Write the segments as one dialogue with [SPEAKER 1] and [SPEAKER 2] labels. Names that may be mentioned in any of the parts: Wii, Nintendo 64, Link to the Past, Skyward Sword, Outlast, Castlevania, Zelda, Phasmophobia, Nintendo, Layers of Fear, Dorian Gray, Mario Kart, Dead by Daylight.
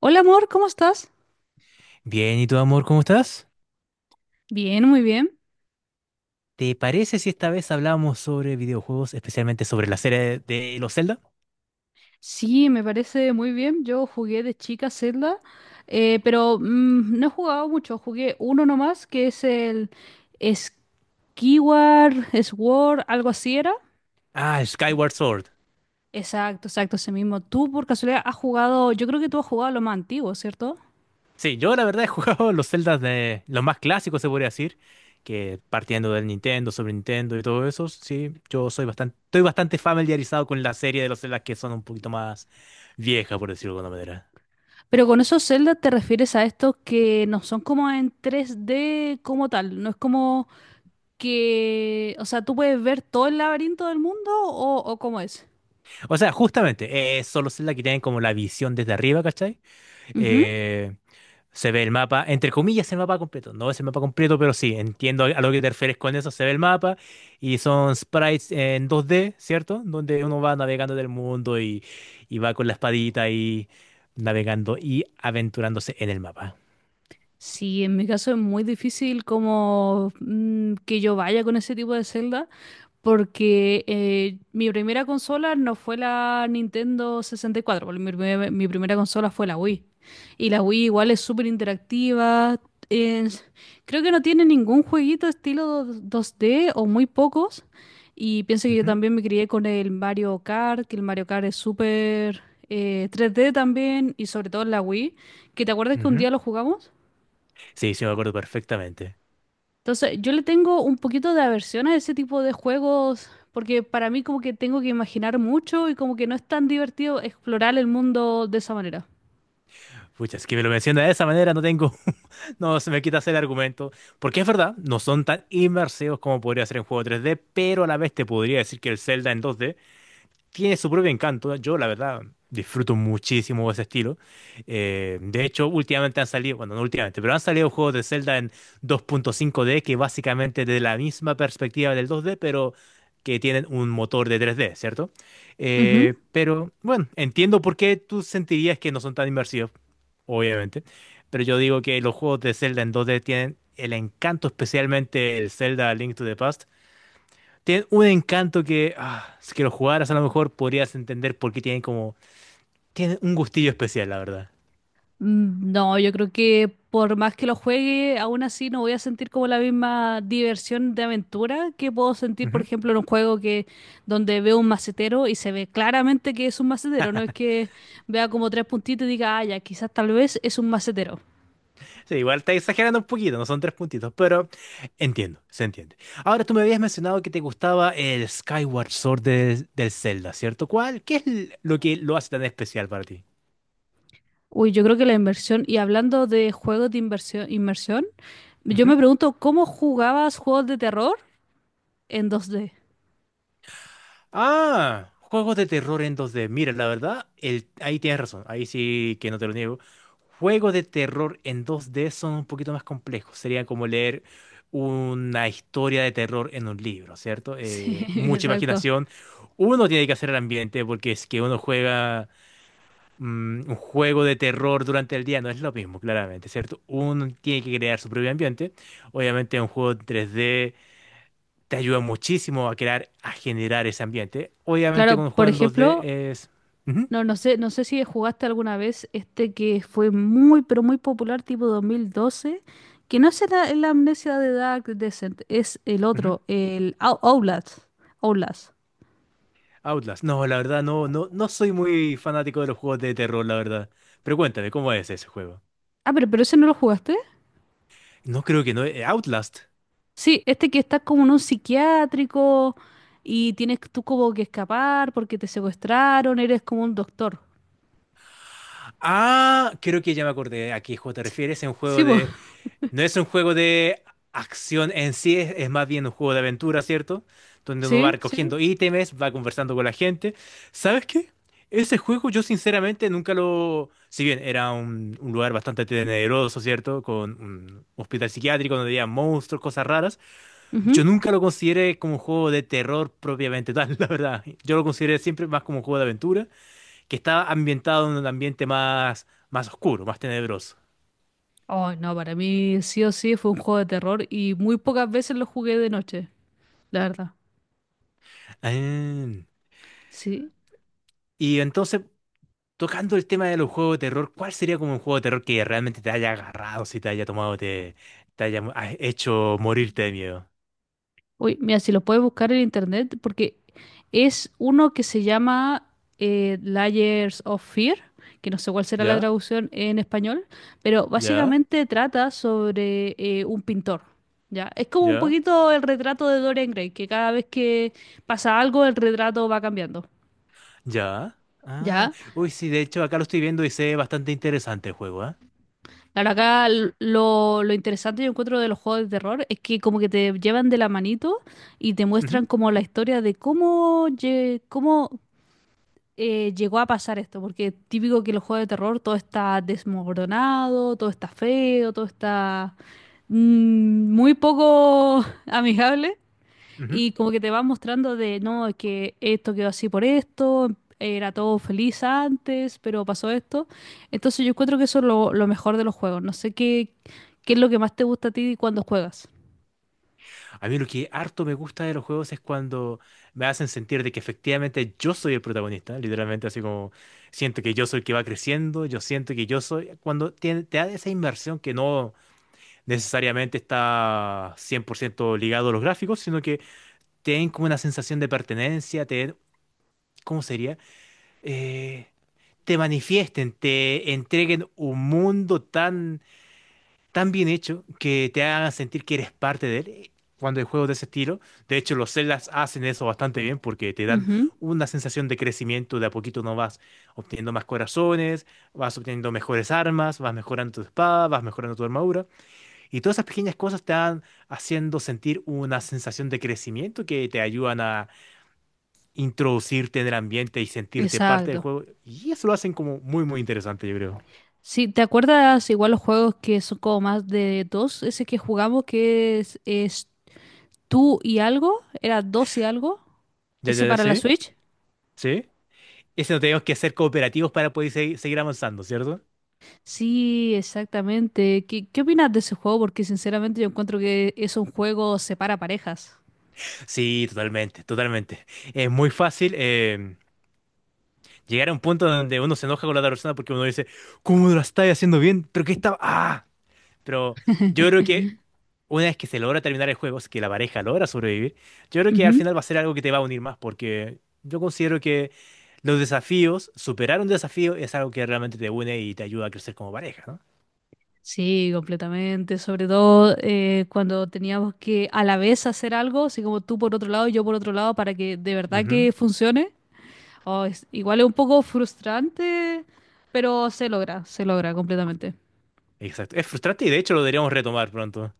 [SPEAKER 1] Hola amor, ¿cómo estás?
[SPEAKER 2] Bien, ¿y tu amor, cómo estás?
[SPEAKER 1] Bien, muy bien.
[SPEAKER 2] ¿Te parece si esta vez hablamos sobre videojuegos, especialmente sobre la serie de los Zelda?
[SPEAKER 1] Sí, me parece muy bien. Yo jugué de chica Zelda, pero no he jugado mucho. Jugué uno nomás, que es el Skyward Sword, algo así era.
[SPEAKER 2] Ah, Skyward Sword.
[SPEAKER 1] Exacto, exacto, ese mismo. Tú por casualidad has jugado, yo creo que tú has jugado lo más antiguo, ¿cierto?
[SPEAKER 2] Sí, yo la verdad he jugado los Zeldas de los más clásicos, se podría decir, que partiendo del Nintendo, sobre Nintendo y todo eso, sí, estoy bastante familiarizado con la serie de los Zeldas que son un poquito más viejas, por decirlo de alguna manera.
[SPEAKER 1] Pero con esos Zelda te refieres a estos que no son como en tres d como tal, no es como que, o sea, tú puedes ver todo el laberinto del mundo o cómo es.
[SPEAKER 2] O sea, justamente, son los Zelda que tienen como la visión desde arriba, ¿cachai?
[SPEAKER 1] Ujú.
[SPEAKER 2] Eh, Se ve el mapa, entre comillas, el mapa completo. No es el mapa completo, pero sí, entiendo a lo que te refieres con eso. Se ve el mapa y son sprites en 2D, ¿cierto? Donde uno va navegando del mundo y va con la espadita y navegando y aventurándose en el mapa.
[SPEAKER 1] Sí, en mi caso es muy difícil como que yo vaya con ese tipo de Zelda, porque mi primera consola no fue la Nintendo 64, porque mi primera consola fue la Wii. Y la Wii igual es súper interactiva. es- Creo que no tiene ningún jueguito estilo dos d o muy pocos. Y pienso que yo
[SPEAKER 2] Ujú,
[SPEAKER 1] también me crié con el Mario Kart, que el Mario Kart es súper 3D también, y sobre todo en la Wii. ¿Que te acuerdas que un
[SPEAKER 2] ujú.
[SPEAKER 1] día lo jugamos?
[SPEAKER 2] Sí, sí, me acuerdo perfectamente.
[SPEAKER 1] Entonces, yo le tengo un poquito de aversión a ese tipo de juegos porque para mí como que tengo que imaginar mucho y como que no es tan divertido explorar el mundo de esa manera.
[SPEAKER 2] Pucha, es que me lo menciona de esa manera, no tengo, no se me quita hacer el argumento. Porque es verdad, no son tan inmersivos como podría ser en juego 3D, pero a la vez te podría decir que el Zelda en 2D tiene su propio encanto. Yo, la verdad, disfruto muchísimo ese estilo. De hecho, últimamente han salido, bueno, no últimamente, pero han salido juegos de Zelda en 2.5D que básicamente de la misma perspectiva del 2D pero que tienen un motor de 3D, ¿cierto?
[SPEAKER 1] Ujú.
[SPEAKER 2] Pero bueno, entiendo por qué tú sentirías que no son tan inmersivos, obviamente, pero yo digo que los juegos de Zelda en 2D tienen el encanto, especialmente el Zelda Link to the Past tiene un encanto que, ah, si que lo jugaras a lo mejor podrías entender por qué tienen un gustillo especial, la verdad.
[SPEAKER 1] No, yo creo que por más que lo juegue, aún así no voy a sentir como la misma diversión de aventura que puedo sentir, por
[SPEAKER 2] Ujú.
[SPEAKER 1] ejemplo, en un juego que donde veo un macetero y se ve claramente que es un macetero, no es que vea como tres puntitos y diga, ah, ya, quizás tal vez es un macetero.
[SPEAKER 2] Sí, igual está exagerando un poquito, no son tres puntitos, pero entiendo, se entiende. Ahora tú me habías mencionado que te gustaba el Skyward Sword del Zelda, ¿cierto? ¿Cuál? ¿Qué es lo que lo hace tan especial para ti?
[SPEAKER 1] Uy, yo creo que la inversión, y hablando de juegos de inversión, inmersión, yo me pregunto cómo jugabas juegos de terror en dos d.
[SPEAKER 2] Ah, juegos de terror en 2D. Mira, la verdad, ahí tienes razón. Ahí sí que no te lo niego. Juegos de terror en 2D son un poquito más complejos. Sería como leer una historia de terror en un libro, ¿cierto?
[SPEAKER 1] Sí,
[SPEAKER 2] Mucha
[SPEAKER 1] exacto.
[SPEAKER 2] imaginación. Uno tiene que hacer el ambiente porque es que uno juega un juego de terror durante el día, no es lo mismo, claramente, ¿cierto? Uno tiene que crear su propio ambiente. Obviamente un juego en 3D te ayuda muchísimo a crear, a generar ese ambiente. Obviamente
[SPEAKER 1] Claro,
[SPEAKER 2] con un
[SPEAKER 1] por
[SPEAKER 2] juego en
[SPEAKER 1] ejemplo,
[SPEAKER 2] 2D es... Ujú,
[SPEAKER 1] no, no sé, no sé si jugaste alguna vez este que fue muy, pero muy popular, tipo 2012, que no es la amnesia de Dark Descent, es el
[SPEAKER 2] ujú.
[SPEAKER 1] otro, el Outlast. Outlast.
[SPEAKER 2] Outlast. No, la verdad, no, no, no soy muy fanático de los juegos de terror, la verdad. Pero cuéntame, ¿cómo es ese juego?
[SPEAKER 1] Ah, pero ese no lo jugaste.
[SPEAKER 2] No creo que no. Outlast.
[SPEAKER 1] Sí, este que estás como en un psiquiátrico y tienes tú como que escapar porque te secuestraron, eres como un doctor.
[SPEAKER 2] Ah, creo que ya me acordé a qué juego te refieres. Es un
[SPEAKER 1] Sí,
[SPEAKER 2] juego
[SPEAKER 1] po.
[SPEAKER 2] de No es un juego de acción en sí, es más bien un juego de aventura, ¿cierto? Donde uno va
[SPEAKER 1] Sí, sí.
[SPEAKER 2] recogiendo ítems, va conversando con la gente. ¿Sabes qué? Ese juego yo sinceramente nunca lo... Si bien era un lugar bastante tenebroso, ¿cierto? Con un hospital psiquiátrico donde había monstruos, cosas raras.
[SPEAKER 1] Ujú.
[SPEAKER 2] Yo nunca lo consideré como un juego de terror propiamente tal, la verdad. Yo lo consideré siempre más como un juego de aventura, que estaba ambientado en un ambiente más, más oscuro, más tenebroso.
[SPEAKER 1] Oh, no, para mí sí o sí fue un juego de terror y muy pocas veces lo jugué de noche, la verdad.
[SPEAKER 2] Ah,
[SPEAKER 1] Sí.
[SPEAKER 2] y entonces, tocando el tema de los juegos de terror, ¿cuál sería como un juego de terror que realmente te haya agarrado, si te haya tomado, te haya hecho morirte de miedo?
[SPEAKER 1] Uy, mira, si lo puedes buscar en internet, porque es uno que se llama Layers of Fear, que no sé cuál será la
[SPEAKER 2] ¿Ya?
[SPEAKER 1] traducción en español, pero
[SPEAKER 2] ¿Ya?
[SPEAKER 1] básicamente trata sobre un pintor. ¿Ya? Es como un
[SPEAKER 2] ¿Ya?
[SPEAKER 1] poquito el retrato de Dorian Gray, que cada vez que pasa algo, el retrato va cambiando.
[SPEAKER 2] ¿Ya? Ah,
[SPEAKER 1] ¿Ya?
[SPEAKER 2] uy, sí, de hecho acá lo estoy viendo y se ve bastante interesante el juego, ¿ah?
[SPEAKER 1] Claro, acá lo interesante yo encuentro de los juegos de terror es que como que te llevan de la manito y te muestran
[SPEAKER 2] Ujú,
[SPEAKER 1] como la historia de cómo llegó a pasar esto, porque típico que los juegos de terror todo está desmoronado, todo está feo, todo está mm, muy poco amigable
[SPEAKER 2] ujú.
[SPEAKER 1] y como que te van mostrando de, no, es que esto quedó así por esto, era todo feliz antes, pero pasó esto. Entonces yo encuentro que eso es lo mejor de los juegos. No sé qué es lo que más te gusta a ti cuando juegas.
[SPEAKER 2] A mí lo que harto me gusta de los juegos es cuando me hacen sentir de que efectivamente yo soy el protagonista, literalmente así como siento que yo soy el que va creciendo, yo siento que yo soy, cuando te da esa inmersión que no... necesariamente está 100% ligado a los gráficos, sino que te den como una sensación de pertenencia, te den, ¿cómo sería? Eh, Te manifiesten, te entreguen un mundo tan, tan bien hecho que te hagan sentir que eres parte de él. Cuando hay juegos de ese estilo, de hecho los Zeldas hacen eso bastante bien porque te dan
[SPEAKER 1] Ujú.
[SPEAKER 2] una sensación de crecimiento, de a poquito no vas obteniendo más corazones, vas obteniendo mejores armas, vas mejorando tu espada, vas mejorando tu armadura. Y todas esas pequeñas cosas te van haciendo sentir una sensación de crecimiento que te ayudan a introducirte en el ambiente y sentirte parte del
[SPEAKER 1] Exacto.
[SPEAKER 2] juego. Y eso lo hacen como muy, muy interesante, yo creo.
[SPEAKER 1] Sí, ¿te acuerdas igual los juegos que son como más de dos? Ese que jugamos que es tú y algo, era dos y algo,
[SPEAKER 2] Ya, ya,
[SPEAKER 1] ese
[SPEAKER 2] ya,
[SPEAKER 1] para la
[SPEAKER 2] sí,
[SPEAKER 1] Switch.
[SPEAKER 2] sí. Eso no tenemos que ser cooperativos para poder seguir avanzando, ¿cierto?
[SPEAKER 1] Sí, exactamente. Qué opinas de ese juego? Porque sinceramente yo encuentro que es un juego separa parejas.
[SPEAKER 2] Sí, totalmente, totalmente. Es muy fácil llegar a un punto donde uno se enoja con la otra persona porque uno dice, ¿cómo lo estás haciendo bien? ¿Pero qué estaba? ¡Ah! Pero yo creo que una vez que se logra terminar el juego, si que la pareja logra sobrevivir, yo creo que al
[SPEAKER 1] Ujú.
[SPEAKER 2] final va a ser algo que te va a unir más, porque yo considero que los desafíos, superar un desafío es algo que realmente te une y te ayuda a crecer como pareja, ¿no?
[SPEAKER 1] Sí, completamente. Sobre todo cuando teníamos que a la vez hacer algo, así como tú por otro lado y yo por otro lado, para que de verdad
[SPEAKER 2] Ujú,
[SPEAKER 1] que funcione. Oh, igual es un poco frustrante, pero se logra completamente.
[SPEAKER 2] exacto. Es frustrante y de hecho lo deberíamos retomar pronto.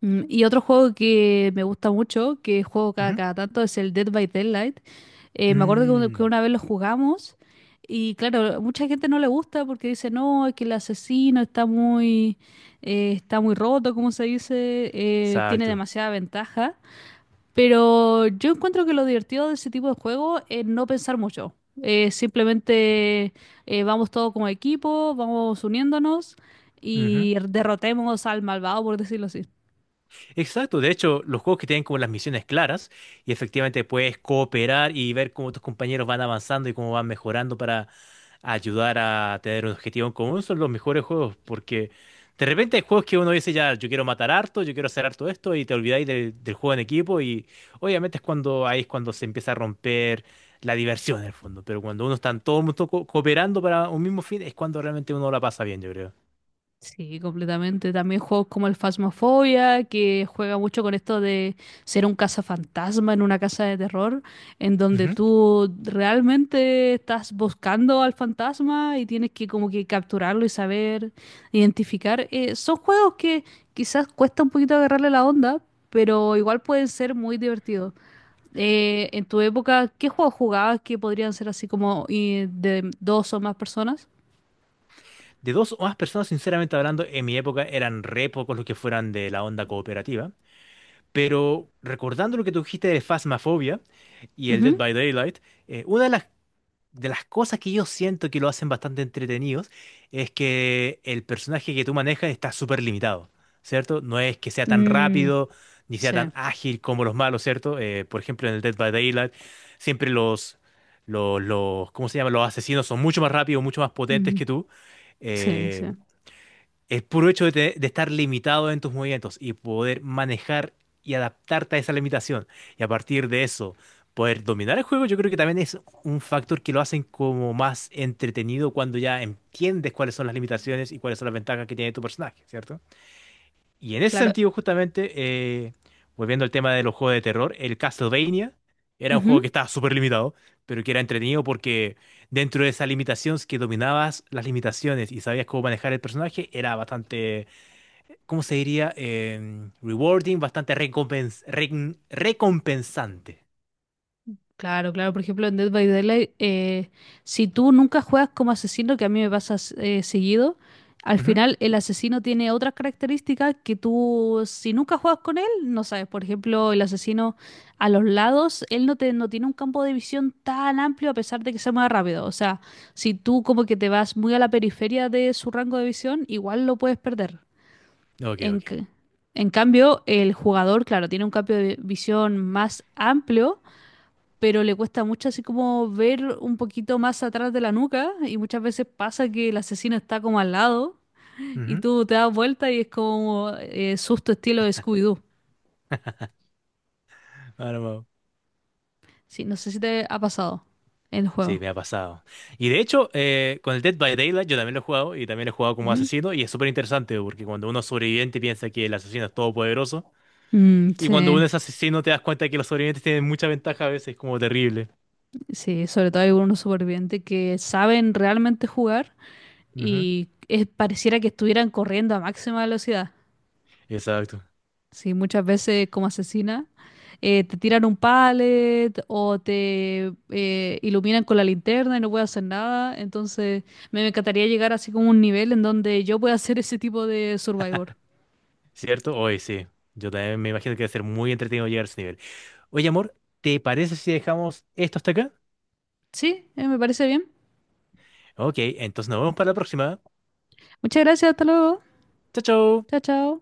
[SPEAKER 1] Y otro juego que me gusta mucho, que juego
[SPEAKER 2] Ujú.
[SPEAKER 1] cada tanto, es el Dead by Daylight. Me acuerdo que que
[SPEAKER 2] Mm,
[SPEAKER 1] una vez lo jugamos y claro, mucha gente no le gusta porque dice, no, es que el asesino está muy roto, como se dice, tiene
[SPEAKER 2] exacto.
[SPEAKER 1] demasiada ventaja. Pero yo encuentro que lo divertido de ese tipo de juego es no pensar mucho. Simplemente vamos todos como equipo, vamos uniéndonos
[SPEAKER 2] Ujú.
[SPEAKER 1] y derrotemos al malvado, por decirlo así.
[SPEAKER 2] Exacto, de hecho, los juegos que tienen como las misiones claras y efectivamente puedes cooperar y ver cómo tus compañeros van avanzando y cómo van mejorando para ayudar a tener un objetivo en común son los mejores juegos porque de repente hay juegos que uno dice ya, yo quiero matar harto, yo quiero hacer harto esto y te olvidáis del juego en equipo y obviamente es cuando ahí es cuando se empieza a romper la diversión en el fondo, pero cuando uno está en todo el mundo cooperando para un mismo fin es cuando realmente uno la pasa bien, yo creo.
[SPEAKER 1] Sí, completamente. También juegos como el Phasmophobia, que juega mucho con esto de ser un cazafantasma en una casa de terror, en donde tú realmente estás buscando al fantasma y tienes que como que capturarlo y saber identificar. Son juegos que quizás cuesta un poquito agarrarle la onda, pero igual pueden ser muy divertidos. En tu época, ¿qué juegos jugabas que podrían ser así como de dos o más personas?
[SPEAKER 2] De dos o más personas, sinceramente hablando, en mi época eran re pocos los que fueran de la onda cooperativa. Pero recordando lo que tú dijiste de Phasmophobia y el Dead
[SPEAKER 1] Ujú.
[SPEAKER 2] by Daylight, una de las cosas que yo siento que lo hacen bastante entretenidos es que el personaje que tú manejas está súper limitado, ¿cierto? No es que sea tan
[SPEAKER 1] Mm,
[SPEAKER 2] rápido ni sea
[SPEAKER 1] sí.
[SPEAKER 2] tan ágil como los malos, ¿cierto? Por ejemplo, en el Dead by Daylight, siempre ¿cómo se llama? Los asesinos son mucho más rápidos, mucho más potentes
[SPEAKER 1] Ujú.
[SPEAKER 2] que tú.
[SPEAKER 1] Sí, sí.
[SPEAKER 2] Eh, el puro hecho de estar limitado en tus movimientos y poder manejar y adaptarte a esa limitación y a partir de eso poder dominar el juego, yo creo que también es un factor que lo hacen como más entretenido cuando ya entiendes cuáles son las limitaciones y cuáles son las ventajas que tiene tu personaje, ¿cierto? Y en ese
[SPEAKER 1] Claro.
[SPEAKER 2] sentido, justamente, volviendo al tema de los juegos de terror, el Castlevania era un juego
[SPEAKER 1] Ujú.
[SPEAKER 2] que estaba súper limitado, pero que era entretenido porque dentro de esas limitaciones que dominabas las limitaciones y sabías cómo manejar el personaje, era bastante ¿cómo se diría? Rewarding, bastante recompensante.
[SPEAKER 1] Claro, claro. Por ejemplo, en Dead by Daylight, si tú nunca juegas como asesino, que a mí me pasa seguido, al
[SPEAKER 2] Ujú.
[SPEAKER 1] final el asesino tiene otras características que tú, si nunca juegas con él, no sabes. Por ejemplo, el asesino a los lados, él no, te, no tiene un campo de visión tan amplio a pesar de que se mueva rápido. O sea, si tú como que te vas muy a la periferia de su rango de visión, igual lo puedes perder.
[SPEAKER 2] Ok,
[SPEAKER 1] En,
[SPEAKER 2] ok.
[SPEAKER 1] c- en cambio, el jugador, claro, tiene un cambio de visión más amplio, pero le cuesta mucho así como ver un poquito más atrás de la nuca y muchas veces pasa que el asesino está como al lado y
[SPEAKER 2] Ujú.
[SPEAKER 1] tú te das vuelta y es como susto estilo de Scooby-Doo.
[SPEAKER 2] Ahora vamos.
[SPEAKER 1] Sí, no sé si te ha pasado en el
[SPEAKER 2] Sí,
[SPEAKER 1] juego.
[SPEAKER 2] me ha pasado. Y de hecho, con el Dead by Daylight yo también lo he jugado y también lo he jugado como
[SPEAKER 1] Ujú.
[SPEAKER 2] asesino y es súper interesante porque cuando uno es sobreviviente piensa que el asesino es todopoderoso y cuando uno
[SPEAKER 1] Sí,
[SPEAKER 2] es asesino te das cuenta que los sobrevivientes tienen mucha ventaja a veces, como terrible.
[SPEAKER 1] sí, sobre todo hay algunos supervivientes que saben realmente jugar
[SPEAKER 2] Ujú.
[SPEAKER 1] y pareciera que estuvieran corriendo a máxima velocidad.
[SPEAKER 2] Exacto.
[SPEAKER 1] Sí, muchas veces como asesina te tiran un pallet o te iluminan con la linterna y no puedes hacer nada. Entonces, me encantaría llegar así como a un nivel en donde yo pueda hacer ese tipo de survivor.
[SPEAKER 2] ¿Cierto? Oye, sí. Yo también me imagino que debe ser muy entretenido llegar a ese nivel. Oye, amor, ¿te parece si dejamos esto hasta acá?
[SPEAKER 1] Sí, me parece bien.
[SPEAKER 2] Ok, entonces nos vemos para la próxima.
[SPEAKER 1] Muchas gracias, hasta luego.
[SPEAKER 2] Chao, chao.
[SPEAKER 1] Chao, chao.